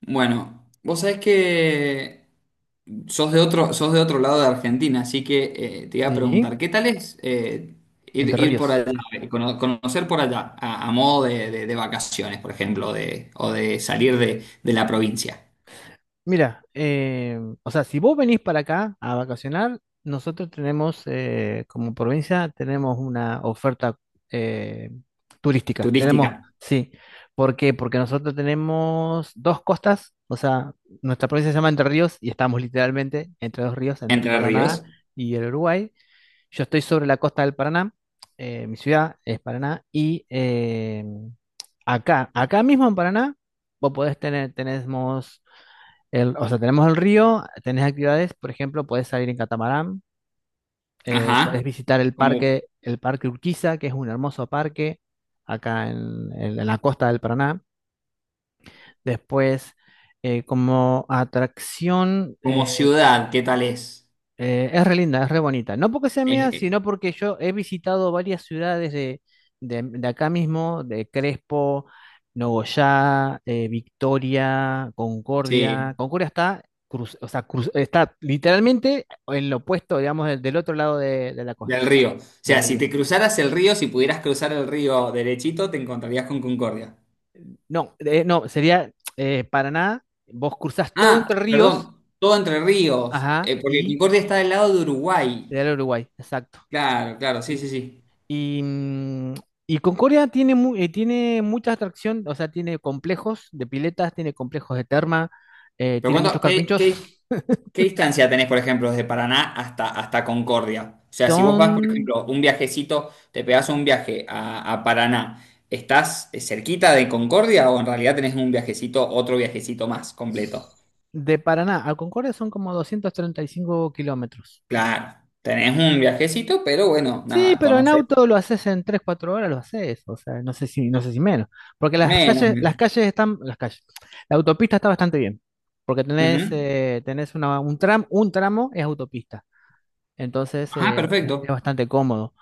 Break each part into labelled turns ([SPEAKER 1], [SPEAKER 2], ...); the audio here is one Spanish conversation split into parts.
[SPEAKER 1] Bueno, vos sabés que sos de otro lado de Argentina, así que te iba a
[SPEAKER 2] Sí,
[SPEAKER 1] preguntar, ¿qué tal es ir,
[SPEAKER 2] Entre
[SPEAKER 1] ir por
[SPEAKER 2] Ríos.
[SPEAKER 1] allá, conocer por allá, a modo de vacaciones, por ejemplo, de, o de salir de la provincia
[SPEAKER 2] Mira, o sea, si vos venís para acá a vacacionar, nosotros tenemos, como provincia, tenemos una oferta eh, turística. Tenemos,
[SPEAKER 1] turística,
[SPEAKER 2] sí. ¿Por qué? Porque nosotros tenemos dos costas, o sea, nuestra provincia se llama Entre Ríos y estamos literalmente entre dos ríos, entre el
[SPEAKER 1] Entre
[SPEAKER 2] Paraná
[SPEAKER 1] Ríos?
[SPEAKER 2] y el Uruguay. Yo estoy sobre la costa del Paraná, mi ciudad es Paraná, y acá mismo en Paraná, vos podés tener, o sea, tenemos el río, tenés actividades, por ejemplo, podés salir en catamarán,
[SPEAKER 1] Ajá.
[SPEAKER 2] podés visitar
[SPEAKER 1] Como,
[SPEAKER 2] el parque Urquiza, que es un hermoso parque acá en la costa del Paraná. Después, como atracción,
[SPEAKER 1] como ciudad, ¿qué tal es?
[SPEAKER 2] Es re linda, es re bonita. No porque sea
[SPEAKER 1] Eh,
[SPEAKER 2] mía,
[SPEAKER 1] eh,
[SPEAKER 2] sino porque yo he visitado varias ciudades de, de acá mismo, de Crespo, Nogoyá, Victoria,
[SPEAKER 1] sí,
[SPEAKER 2] Concordia. Concordia está, o sea, está literalmente en lo opuesto, digamos, del otro lado de la
[SPEAKER 1] del
[SPEAKER 2] costa,
[SPEAKER 1] río. O
[SPEAKER 2] del
[SPEAKER 1] sea, si
[SPEAKER 2] río.
[SPEAKER 1] te cruzaras el río, si pudieras cruzar el río derechito, te encontrarías con Concordia.
[SPEAKER 2] No, no, sería Paraná. Vos cruzás todo
[SPEAKER 1] Ah,
[SPEAKER 2] entre ríos,
[SPEAKER 1] perdón, todo Entre Ríos,
[SPEAKER 2] ajá,
[SPEAKER 1] porque
[SPEAKER 2] y
[SPEAKER 1] Concordia está del lado de
[SPEAKER 2] te
[SPEAKER 1] Uruguay.
[SPEAKER 2] da el Uruguay, exacto.
[SPEAKER 1] Claro, claro, sí, sí, sí.
[SPEAKER 2] Y, mm, y Concordia tiene, tiene mucha atracción, o sea, tiene complejos de piletas, tiene complejos de terma,
[SPEAKER 1] Pero
[SPEAKER 2] tiene muchos
[SPEAKER 1] cuánto,
[SPEAKER 2] carpinchos.
[SPEAKER 1] qué distancia tenés, por ejemplo, desde Paraná hasta, hasta Concordia? O sea, si vos vas, por
[SPEAKER 2] Son
[SPEAKER 1] ejemplo, un viajecito, te pegás un viaje a Paraná, ¿estás cerquita de Concordia o en realidad tenés un viajecito, otro viajecito más completo?
[SPEAKER 2] de Paraná a Concordia son como 235 kilómetros.
[SPEAKER 1] Claro, tenés un viajecito, pero bueno,
[SPEAKER 2] Sí,
[SPEAKER 1] nada,
[SPEAKER 2] pero en
[SPEAKER 1] conocés
[SPEAKER 2] auto lo haces en 3 4 horas, lo haces, o sea, no sé si menos, porque
[SPEAKER 1] menos.
[SPEAKER 2] las
[SPEAKER 1] Menos.
[SPEAKER 2] calles están, las calles, la autopista está bastante bien, porque tenés,
[SPEAKER 1] Ujú.
[SPEAKER 2] eh, tenés un tramo es autopista, entonces
[SPEAKER 1] Ajá,
[SPEAKER 2] es
[SPEAKER 1] perfecto.
[SPEAKER 2] bastante cómodo.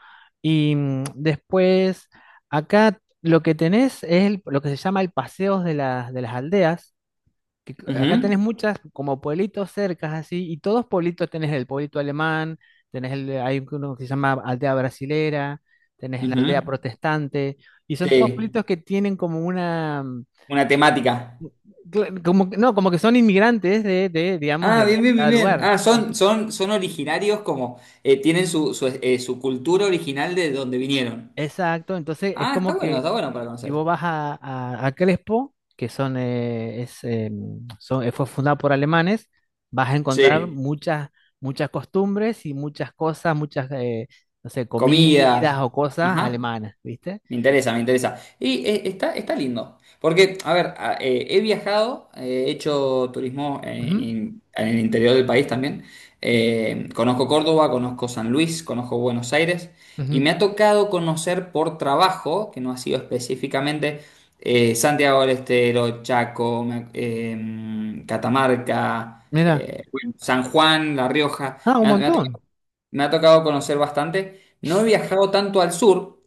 [SPEAKER 2] Y después, acá lo que tenés es lo que se llama el paseo de las aldeas. Que acá tenés
[SPEAKER 1] Ujú,
[SPEAKER 2] muchas como pueblitos cercas así, y todos pueblitos tenés el pueblito alemán, hay uno que se llama aldea brasilera, tenés la
[SPEAKER 1] ujú.
[SPEAKER 2] aldea protestante, y son todos
[SPEAKER 1] Sí.
[SPEAKER 2] pueblitos que tienen como una, mm,
[SPEAKER 1] Una temática.
[SPEAKER 2] como, no, como que son inmigrantes de digamos,
[SPEAKER 1] Ah,
[SPEAKER 2] de
[SPEAKER 1] bien, bien, bien,
[SPEAKER 2] cada
[SPEAKER 1] bien.
[SPEAKER 2] lugar.
[SPEAKER 1] Ah, son, son, son originarios como tienen su, su, su cultura original de donde vinieron.
[SPEAKER 2] Exacto, entonces es
[SPEAKER 1] Ah,
[SPEAKER 2] como que
[SPEAKER 1] está bueno para
[SPEAKER 2] si
[SPEAKER 1] conocer.
[SPEAKER 2] vos vas a, a Crespo, que son, es, son- fue fundada por alemanes, vas a encontrar
[SPEAKER 1] Sí.
[SPEAKER 2] muchas costumbres y muchas cosas, muchas, no sé, comidas
[SPEAKER 1] Comidas.
[SPEAKER 2] o cosas
[SPEAKER 1] Ajá.
[SPEAKER 2] alemanas, ¿viste?
[SPEAKER 1] Me interesa, me interesa. Y está, está lindo. Porque, a ver, he viajado, he hecho turismo
[SPEAKER 2] Ujú,
[SPEAKER 1] en el interior del país también. Conozco Córdoba, conozco San Luis, conozco Buenos Aires. Y
[SPEAKER 2] ujú.
[SPEAKER 1] me ha tocado conocer por trabajo, que no ha sido específicamente, Santiago del Estero, Chaco, Catamarca,
[SPEAKER 2] Mira,
[SPEAKER 1] bueno, San Juan, La Rioja.
[SPEAKER 2] ah, un montón.
[SPEAKER 1] Me ha tocado conocer bastante. No he viajado tanto al sur.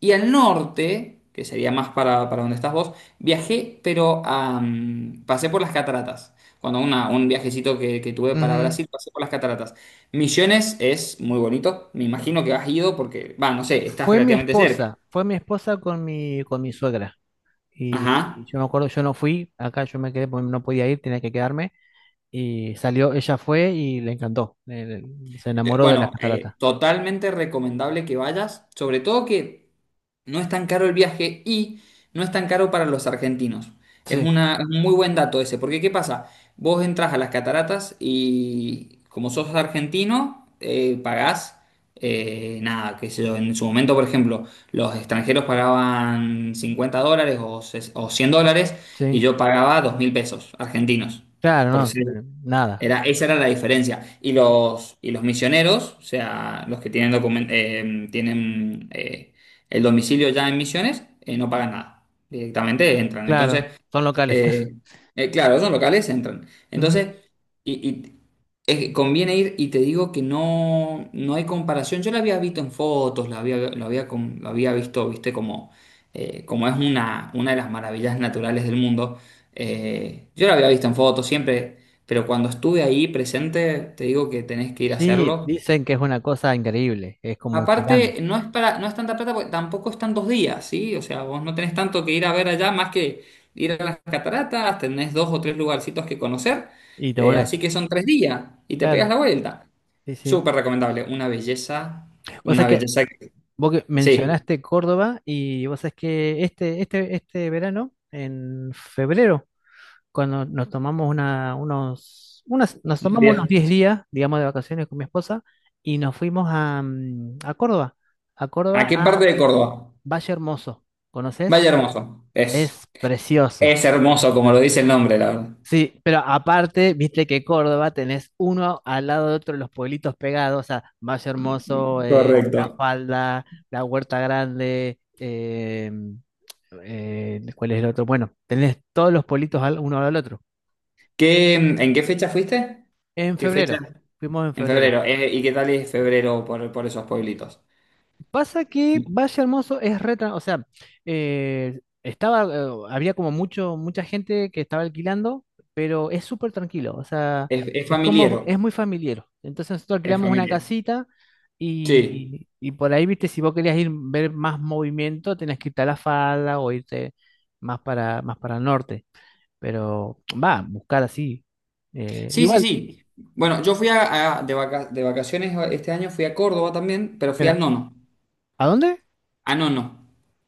[SPEAKER 1] Y al norte, que sería más para donde estás vos, viajé, pero a, pasé por las cataratas. Cuando un viajecito que tuve para
[SPEAKER 2] Ujú.
[SPEAKER 1] Brasil, pasé por las cataratas. Misiones es muy bonito. Me imagino que has ido porque, va, no sé, estás
[SPEAKER 2] Fue mi
[SPEAKER 1] relativamente cerca.
[SPEAKER 2] esposa, fue mi esposa con mi suegra. Y
[SPEAKER 1] Ajá.
[SPEAKER 2] yo me acuerdo, yo no fui, acá yo me quedé porque no podía ir, tenía que quedarme. Y salió, ella fue y le encantó, se enamoró de las
[SPEAKER 1] Bueno,
[SPEAKER 2] cataratas.
[SPEAKER 1] totalmente recomendable que vayas, sobre todo que no es tan caro el viaje y no es tan caro para los argentinos. Es
[SPEAKER 2] Sí,
[SPEAKER 1] una, es un muy buen dato ese, porque ¿qué pasa? Vos entras a las cataratas y como sos argentino, pagás nada, qué sé yo, en su momento, por ejemplo, los extranjeros pagaban $50 o $100 y
[SPEAKER 2] sí,
[SPEAKER 1] yo pagaba 2.000 pesos argentinos. por
[SPEAKER 2] claro,
[SPEAKER 1] ser
[SPEAKER 2] no, nada.
[SPEAKER 1] era, esa era la diferencia.
[SPEAKER 2] Sí, sí,
[SPEAKER 1] Y los misioneros, o sea, los que tienen el domicilio ya en Misiones, no pagan nada. Directamente entran. Entonces,
[SPEAKER 2] claro, son locales.
[SPEAKER 1] eh, claro, son locales, entran.
[SPEAKER 2] Ujú.
[SPEAKER 1] Entonces, y es que conviene ir y te digo que no, no hay comparación. Yo la había visto en fotos, la había, lo había, con- lo había visto, viste, como, como es una de las maravillas naturales del mundo. Yo la había visto en fotos siempre, pero cuando estuve ahí presente, te digo que tenés que ir a
[SPEAKER 2] Sí,
[SPEAKER 1] hacerlo.
[SPEAKER 2] dicen que es una cosa increíble, es como un gigante.
[SPEAKER 1] Aparte, no es para, no es tanta plata porque tampoco están 2 días, ¿sí? O sea, vos no tenés tanto que ir a ver allá más que ir a las cataratas, tenés dos o tres lugarcitos que conocer,
[SPEAKER 2] Y te volvés.
[SPEAKER 1] así que son 3 días y te pegas
[SPEAKER 2] Claro,
[SPEAKER 1] la vuelta.
[SPEAKER 2] sí, sí.
[SPEAKER 1] Súper recomendable,
[SPEAKER 2] Vos sabés
[SPEAKER 1] una
[SPEAKER 2] que
[SPEAKER 1] belleza que...
[SPEAKER 2] vos que
[SPEAKER 1] Sí,
[SPEAKER 2] mencionaste Córdoba y vos sabés que este verano, en febrero, cuando nos tomamos nos
[SPEAKER 1] unos
[SPEAKER 2] tomamos
[SPEAKER 1] días.
[SPEAKER 2] unos 10 días, digamos, de vacaciones con mi esposa, y nos fuimos a Córdoba, a
[SPEAKER 1] ¿A
[SPEAKER 2] Córdoba,
[SPEAKER 1] qué
[SPEAKER 2] a
[SPEAKER 1] parte de Córdoba?
[SPEAKER 2] Valle Hermoso. ¿Conoces?
[SPEAKER 1] Valle Hermoso, es.
[SPEAKER 2] Es precioso.
[SPEAKER 1] Es hermoso, como lo dice el nombre, la verdad.
[SPEAKER 2] Sí, pero aparte, viste que Córdoba tenés uno al lado de otro los pueblitos pegados, o sea, Valle Hermoso, La
[SPEAKER 1] Correcto.
[SPEAKER 2] Falda, La Huerta Grande, ¿cuál es el otro? Bueno, tenés todos los pueblitos uno al otro.
[SPEAKER 1] ¿Qué, en qué fecha fuiste?
[SPEAKER 2] En
[SPEAKER 1] ¿Qué fecha?
[SPEAKER 2] febrero, fuimos en
[SPEAKER 1] En
[SPEAKER 2] febrero.
[SPEAKER 1] febrero. ¿Y qué tal es febrero por esos pueblitos?
[SPEAKER 2] Pasa que Valle Hermoso es o sea, estaba, había como mucha gente que estaba alquilando, pero es súper tranquilo, o sea,
[SPEAKER 1] Es
[SPEAKER 2] es como, es
[SPEAKER 1] familiero.
[SPEAKER 2] muy familiar. Entonces nosotros
[SPEAKER 1] Es
[SPEAKER 2] alquilamos una
[SPEAKER 1] familiar.
[SPEAKER 2] casita
[SPEAKER 1] Sí.
[SPEAKER 2] y por ahí, viste, si vos querías ir ver más movimiento, tenés que irte a la falda o irte más para el norte. Pero va, buscar así.
[SPEAKER 1] Sí, sí,
[SPEAKER 2] Igual,
[SPEAKER 1] sí. Bueno, yo fui de vacaciones este año, fui a Córdoba también, pero fui a
[SPEAKER 2] mira,
[SPEAKER 1] Nono.
[SPEAKER 2] ¿a dónde?
[SPEAKER 1] A Nono.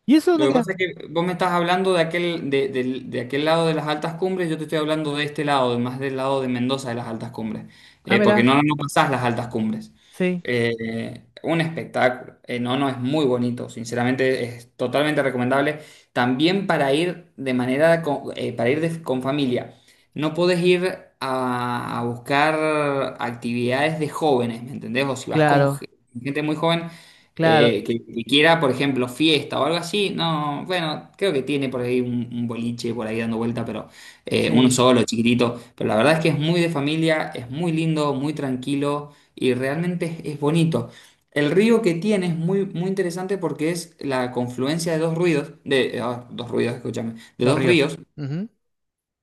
[SPEAKER 2] ¿Y eso
[SPEAKER 1] Lo
[SPEAKER 2] dónde
[SPEAKER 1] que
[SPEAKER 2] queda?
[SPEAKER 1] pasa es que vos me estás hablando de aquel, de aquel lado de las altas cumbres, yo te estoy hablando de este lado, de más del lado de Mendoza de las altas cumbres.
[SPEAKER 2] Ah,
[SPEAKER 1] Porque
[SPEAKER 2] mira,
[SPEAKER 1] no, no pasás las altas cumbres.
[SPEAKER 2] sí,
[SPEAKER 1] Un espectáculo. No, no, es muy bonito, sinceramente es totalmente recomendable. También para ir de manera, para ir con familia, no podés ir a buscar actividades de jóvenes, ¿me entendés? O si vas con
[SPEAKER 2] claro,
[SPEAKER 1] gente muy joven,
[SPEAKER 2] claro,
[SPEAKER 1] que quiera, por ejemplo, fiesta o algo así, no, bueno, creo que tiene por ahí un boliche por ahí dando vuelta, pero uno
[SPEAKER 2] sí.
[SPEAKER 1] solo, chiquitito, pero la verdad es que es muy de familia, es muy lindo, muy tranquilo y realmente es bonito. El río que tiene es muy, muy interesante porque es la confluencia de dos ruidos, dos ruidos, escúchame, de
[SPEAKER 2] Los
[SPEAKER 1] dos
[SPEAKER 2] ríos.
[SPEAKER 1] ríos,
[SPEAKER 2] Ujú,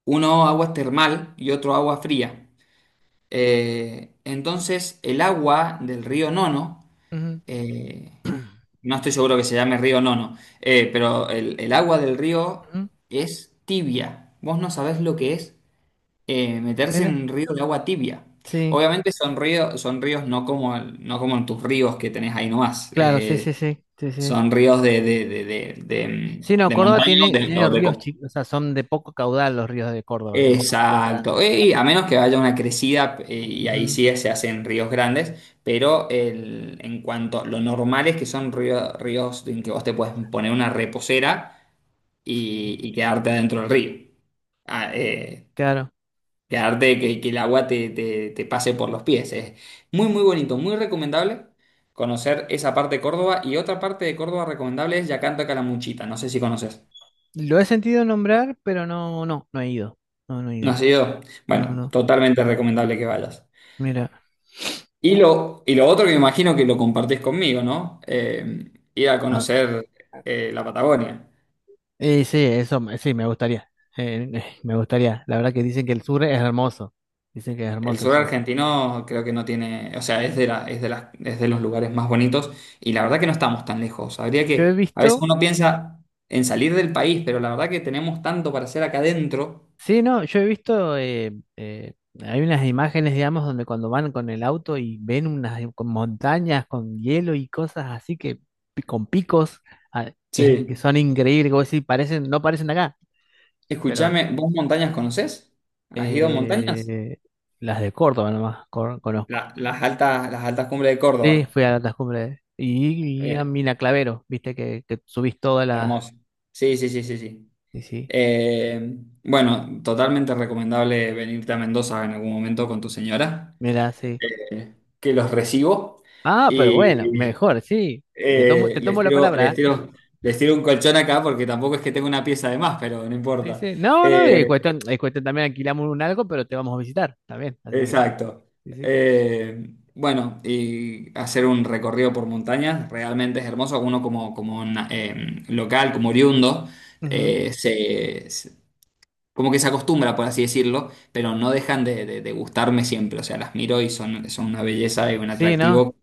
[SPEAKER 1] uno agua termal y otro agua fría. Entonces, el agua del río Nono,
[SPEAKER 2] ujú,
[SPEAKER 1] eh, no estoy seguro que se llame río Nono, pero el agua del río
[SPEAKER 2] ujú.
[SPEAKER 1] es tibia. Vos no sabés lo que es meterse
[SPEAKER 2] Mira,
[SPEAKER 1] en un río de agua tibia.
[SPEAKER 2] sí,
[SPEAKER 1] Obviamente son ríos no como, no como en tus ríos que tenés ahí nomás.
[SPEAKER 2] claro, sí, sí, sí, sí, sí.
[SPEAKER 1] Son ríos
[SPEAKER 2] Sí, no,
[SPEAKER 1] de
[SPEAKER 2] Córdoba
[SPEAKER 1] montaña o
[SPEAKER 2] tiene,
[SPEAKER 1] de,
[SPEAKER 2] tiene ríos chicos, o sea, son de poco caudal los ríos de Córdoba, no son ríos
[SPEAKER 1] Exacto.
[SPEAKER 2] grandes.
[SPEAKER 1] Y a menos que haya una crecida y ahí
[SPEAKER 2] Ujú,
[SPEAKER 1] sí se hacen ríos grandes, pero en cuanto lo normal es que son ríos en que vos te puedes poner una reposera y quedarte adentro del río. Ah, eh,
[SPEAKER 2] claro.
[SPEAKER 1] quedarte que, que el agua te pase por los pies. Es muy, muy bonito, muy recomendable conocer esa parte de Córdoba. Y otra parte de Córdoba recomendable es Yacanta Calamuchita. No sé si conoces.
[SPEAKER 2] Lo he sentido nombrar, pero no, no, no he ido. No, no he
[SPEAKER 1] No
[SPEAKER 2] ido.
[SPEAKER 1] sé yo.
[SPEAKER 2] No,
[SPEAKER 1] Bueno,
[SPEAKER 2] no.
[SPEAKER 1] totalmente recomendable que vayas.
[SPEAKER 2] Mira.
[SPEAKER 1] Y lo otro que me imagino que lo compartís conmigo, ¿no? Ir a
[SPEAKER 2] a-
[SPEAKER 1] conocer la Patagonia.
[SPEAKER 2] sí, eso, sí, me gustaría. Me gustaría. La verdad que dicen que el sur es hermoso. Dicen que es
[SPEAKER 1] El
[SPEAKER 2] hermoso el
[SPEAKER 1] sur
[SPEAKER 2] sur.
[SPEAKER 1] argentino creo que no tiene, o sea, es de es de las, es de los lugares más bonitos y la verdad que no estamos tan lejos. Habría
[SPEAKER 2] Yo he
[SPEAKER 1] que, a veces
[SPEAKER 2] visto
[SPEAKER 1] uno piensa en salir del país, pero la verdad que tenemos tanto para hacer acá adentro.
[SPEAKER 2] Sí, no, yo he visto, hay unas imágenes, digamos, donde cuando van con el auto y ven unas con montañas con hielo y cosas así que con picos ah, que
[SPEAKER 1] Sí.
[SPEAKER 2] son increíbles, como decir, no parecen acá, pero
[SPEAKER 1] Escúchame, ¿vos montañas conocés? ¿Has ido a montañas?
[SPEAKER 2] eh, las de Córdoba nomás conozco.
[SPEAKER 1] Las altas cumbres de
[SPEAKER 2] Sí,
[SPEAKER 1] Córdoba.
[SPEAKER 2] fui a las cumbres y a
[SPEAKER 1] Bien,
[SPEAKER 2] Mina Clavero, viste que subís todas las,
[SPEAKER 1] hermoso. Sí, sí, sí, sí, sí.
[SPEAKER 2] sí, sí,
[SPEAKER 1] Eh, bueno, totalmente recomendable venirte a Mendoza en algún momento con tu señora,
[SPEAKER 2] mira, sí.
[SPEAKER 1] que los recibo.
[SPEAKER 2] Ah, pero bueno, mejor, sí, te tomo,
[SPEAKER 1] Eh,
[SPEAKER 2] te
[SPEAKER 1] les
[SPEAKER 2] tomo la
[SPEAKER 1] tiro, les
[SPEAKER 2] palabra,
[SPEAKER 1] tiro, les tiro un colchón acá porque tampoco es que tenga una pieza de más, pero no
[SPEAKER 2] sí,
[SPEAKER 1] importa.
[SPEAKER 2] sí. No, no,
[SPEAKER 1] Eh,
[SPEAKER 2] es cuestión también alquilamos un algo, pero te vamos a visitar también, así que,
[SPEAKER 1] exacto.
[SPEAKER 2] sí, sí.
[SPEAKER 1] Eh, bueno, y hacer un recorrido por montañas realmente es hermoso. Uno como, local, como oriundo,
[SPEAKER 2] Ujú.
[SPEAKER 1] eh, se, se- como que se acostumbra, por así decirlo, pero no dejan de gustarme siempre. O sea, las miro y son, son una belleza y un
[SPEAKER 2] Sí, ¿no?
[SPEAKER 1] atractivo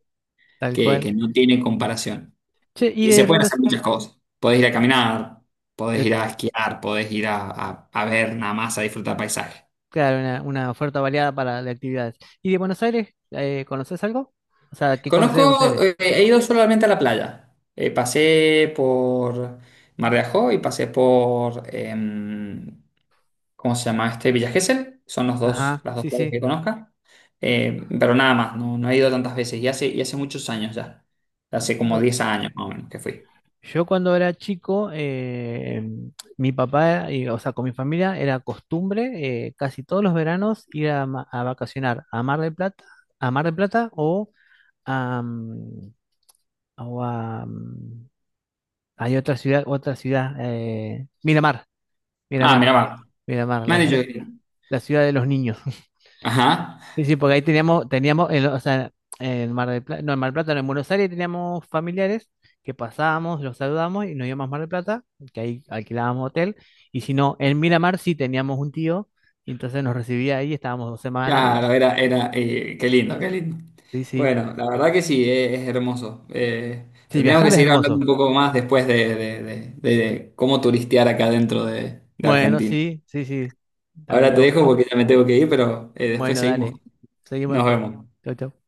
[SPEAKER 2] Tal cual.
[SPEAKER 1] que no tiene comparación.
[SPEAKER 2] Che, y
[SPEAKER 1] Y se
[SPEAKER 2] de
[SPEAKER 1] pueden hacer
[SPEAKER 2] Buenos
[SPEAKER 1] muchas cosas. Podés ir a caminar, podés ir
[SPEAKER 2] de-
[SPEAKER 1] a esquiar, podés ir a ver nada más, a disfrutar paisaje.
[SPEAKER 2] claro, una oferta variada para de actividades. ¿Y de Buenos Aires, conoces algo? O sea, ¿qué conoces de Buenos
[SPEAKER 1] Conozco,
[SPEAKER 2] Aires?
[SPEAKER 1] he ido solamente a la playa. Pasé por Mar de Ajó y pasé por, ¿cómo se llama este? Villa Gesell. Son los dos,
[SPEAKER 2] Ajá,
[SPEAKER 1] las dos
[SPEAKER 2] sí,
[SPEAKER 1] playas
[SPEAKER 2] sí.
[SPEAKER 1] que conozca. Pero nada más, no, no he ido tantas veces. Y hace muchos años ya. Hace como
[SPEAKER 2] No,
[SPEAKER 1] 10 años más o menos que fui.
[SPEAKER 2] yo cuando era chico, mi papá, o sea, con mi familia, era costumbre casi todos los veranos ir a vacacionar a Mar del Plata, a Mar del Plata o a, o a, mm, hay otra ciudad, Miramar,
[SPEAKER 1] Ah,
[SPEAKER 2] Miramar,
[SPEAKER 1] mira, va.
[SPEAKER 2] Miramar,
[SPEAKER 1] Me
[SPEAKER 2] la
[SPEAKER 1] han dicho
[SPEAKER 2] ciudad,
[SPEAKER 1] que-
[SPEAKER 2] la ciudad de los niños.
[SPEAKER 1] Ajá.
[SPEAKER 2] Sí, sí, porque ahí teníamos, en, o sea, en Mar del Plata, no, en Mar del Plata, no, en Buenos Aires teníamos familiares que pasábamos, los saludábamos y nos íbamos a Mar del Plata, que ahí alquilábamos hotel, y si no, en Miramar sí teníamos un tío, y entonces nos recibía ahí, estábamos 2 semanas y
[SPEAKER 1] Claro, era, era, qué lindo, qué lindo.
[SPEAKER 2] sí, sí.
[SPEAKER 1] Bueno, la verdad que sí, es, hermoso.
[SPEAKER 2] Sí,
[SPEAKER 1] Tendríamos que
[SPEAKER 2] viajar es
[SPEAKER 1] seguir hablando
[SPEAKER 2] hermoso.
[SPEAKER 1] un poco más después de, de cómo turistear acá dentro de
[SPEAKER 2] Bueno,
[SPEAKER 1] Argentina.
[SPEAKER 2] sí, sí, sí.
[SPEAKER 1] Ahora
[SPEAKER 2] Estaría
[SPEAKER 1] te
[SPEAKER 2] bueno.
[SPEAKER 1] dejo porque ya me tengo que ir, pero después
[SPEAKER 2] Bueno,
[SPEAKER 1] seguimos.
[SPEAKER 2] dale. Seguimos
[SPEAKER 1] Nos
[SPEAKER 2] después.
[SPEAKER 1] vemos.
[SPEAKER 2] Chau, chau.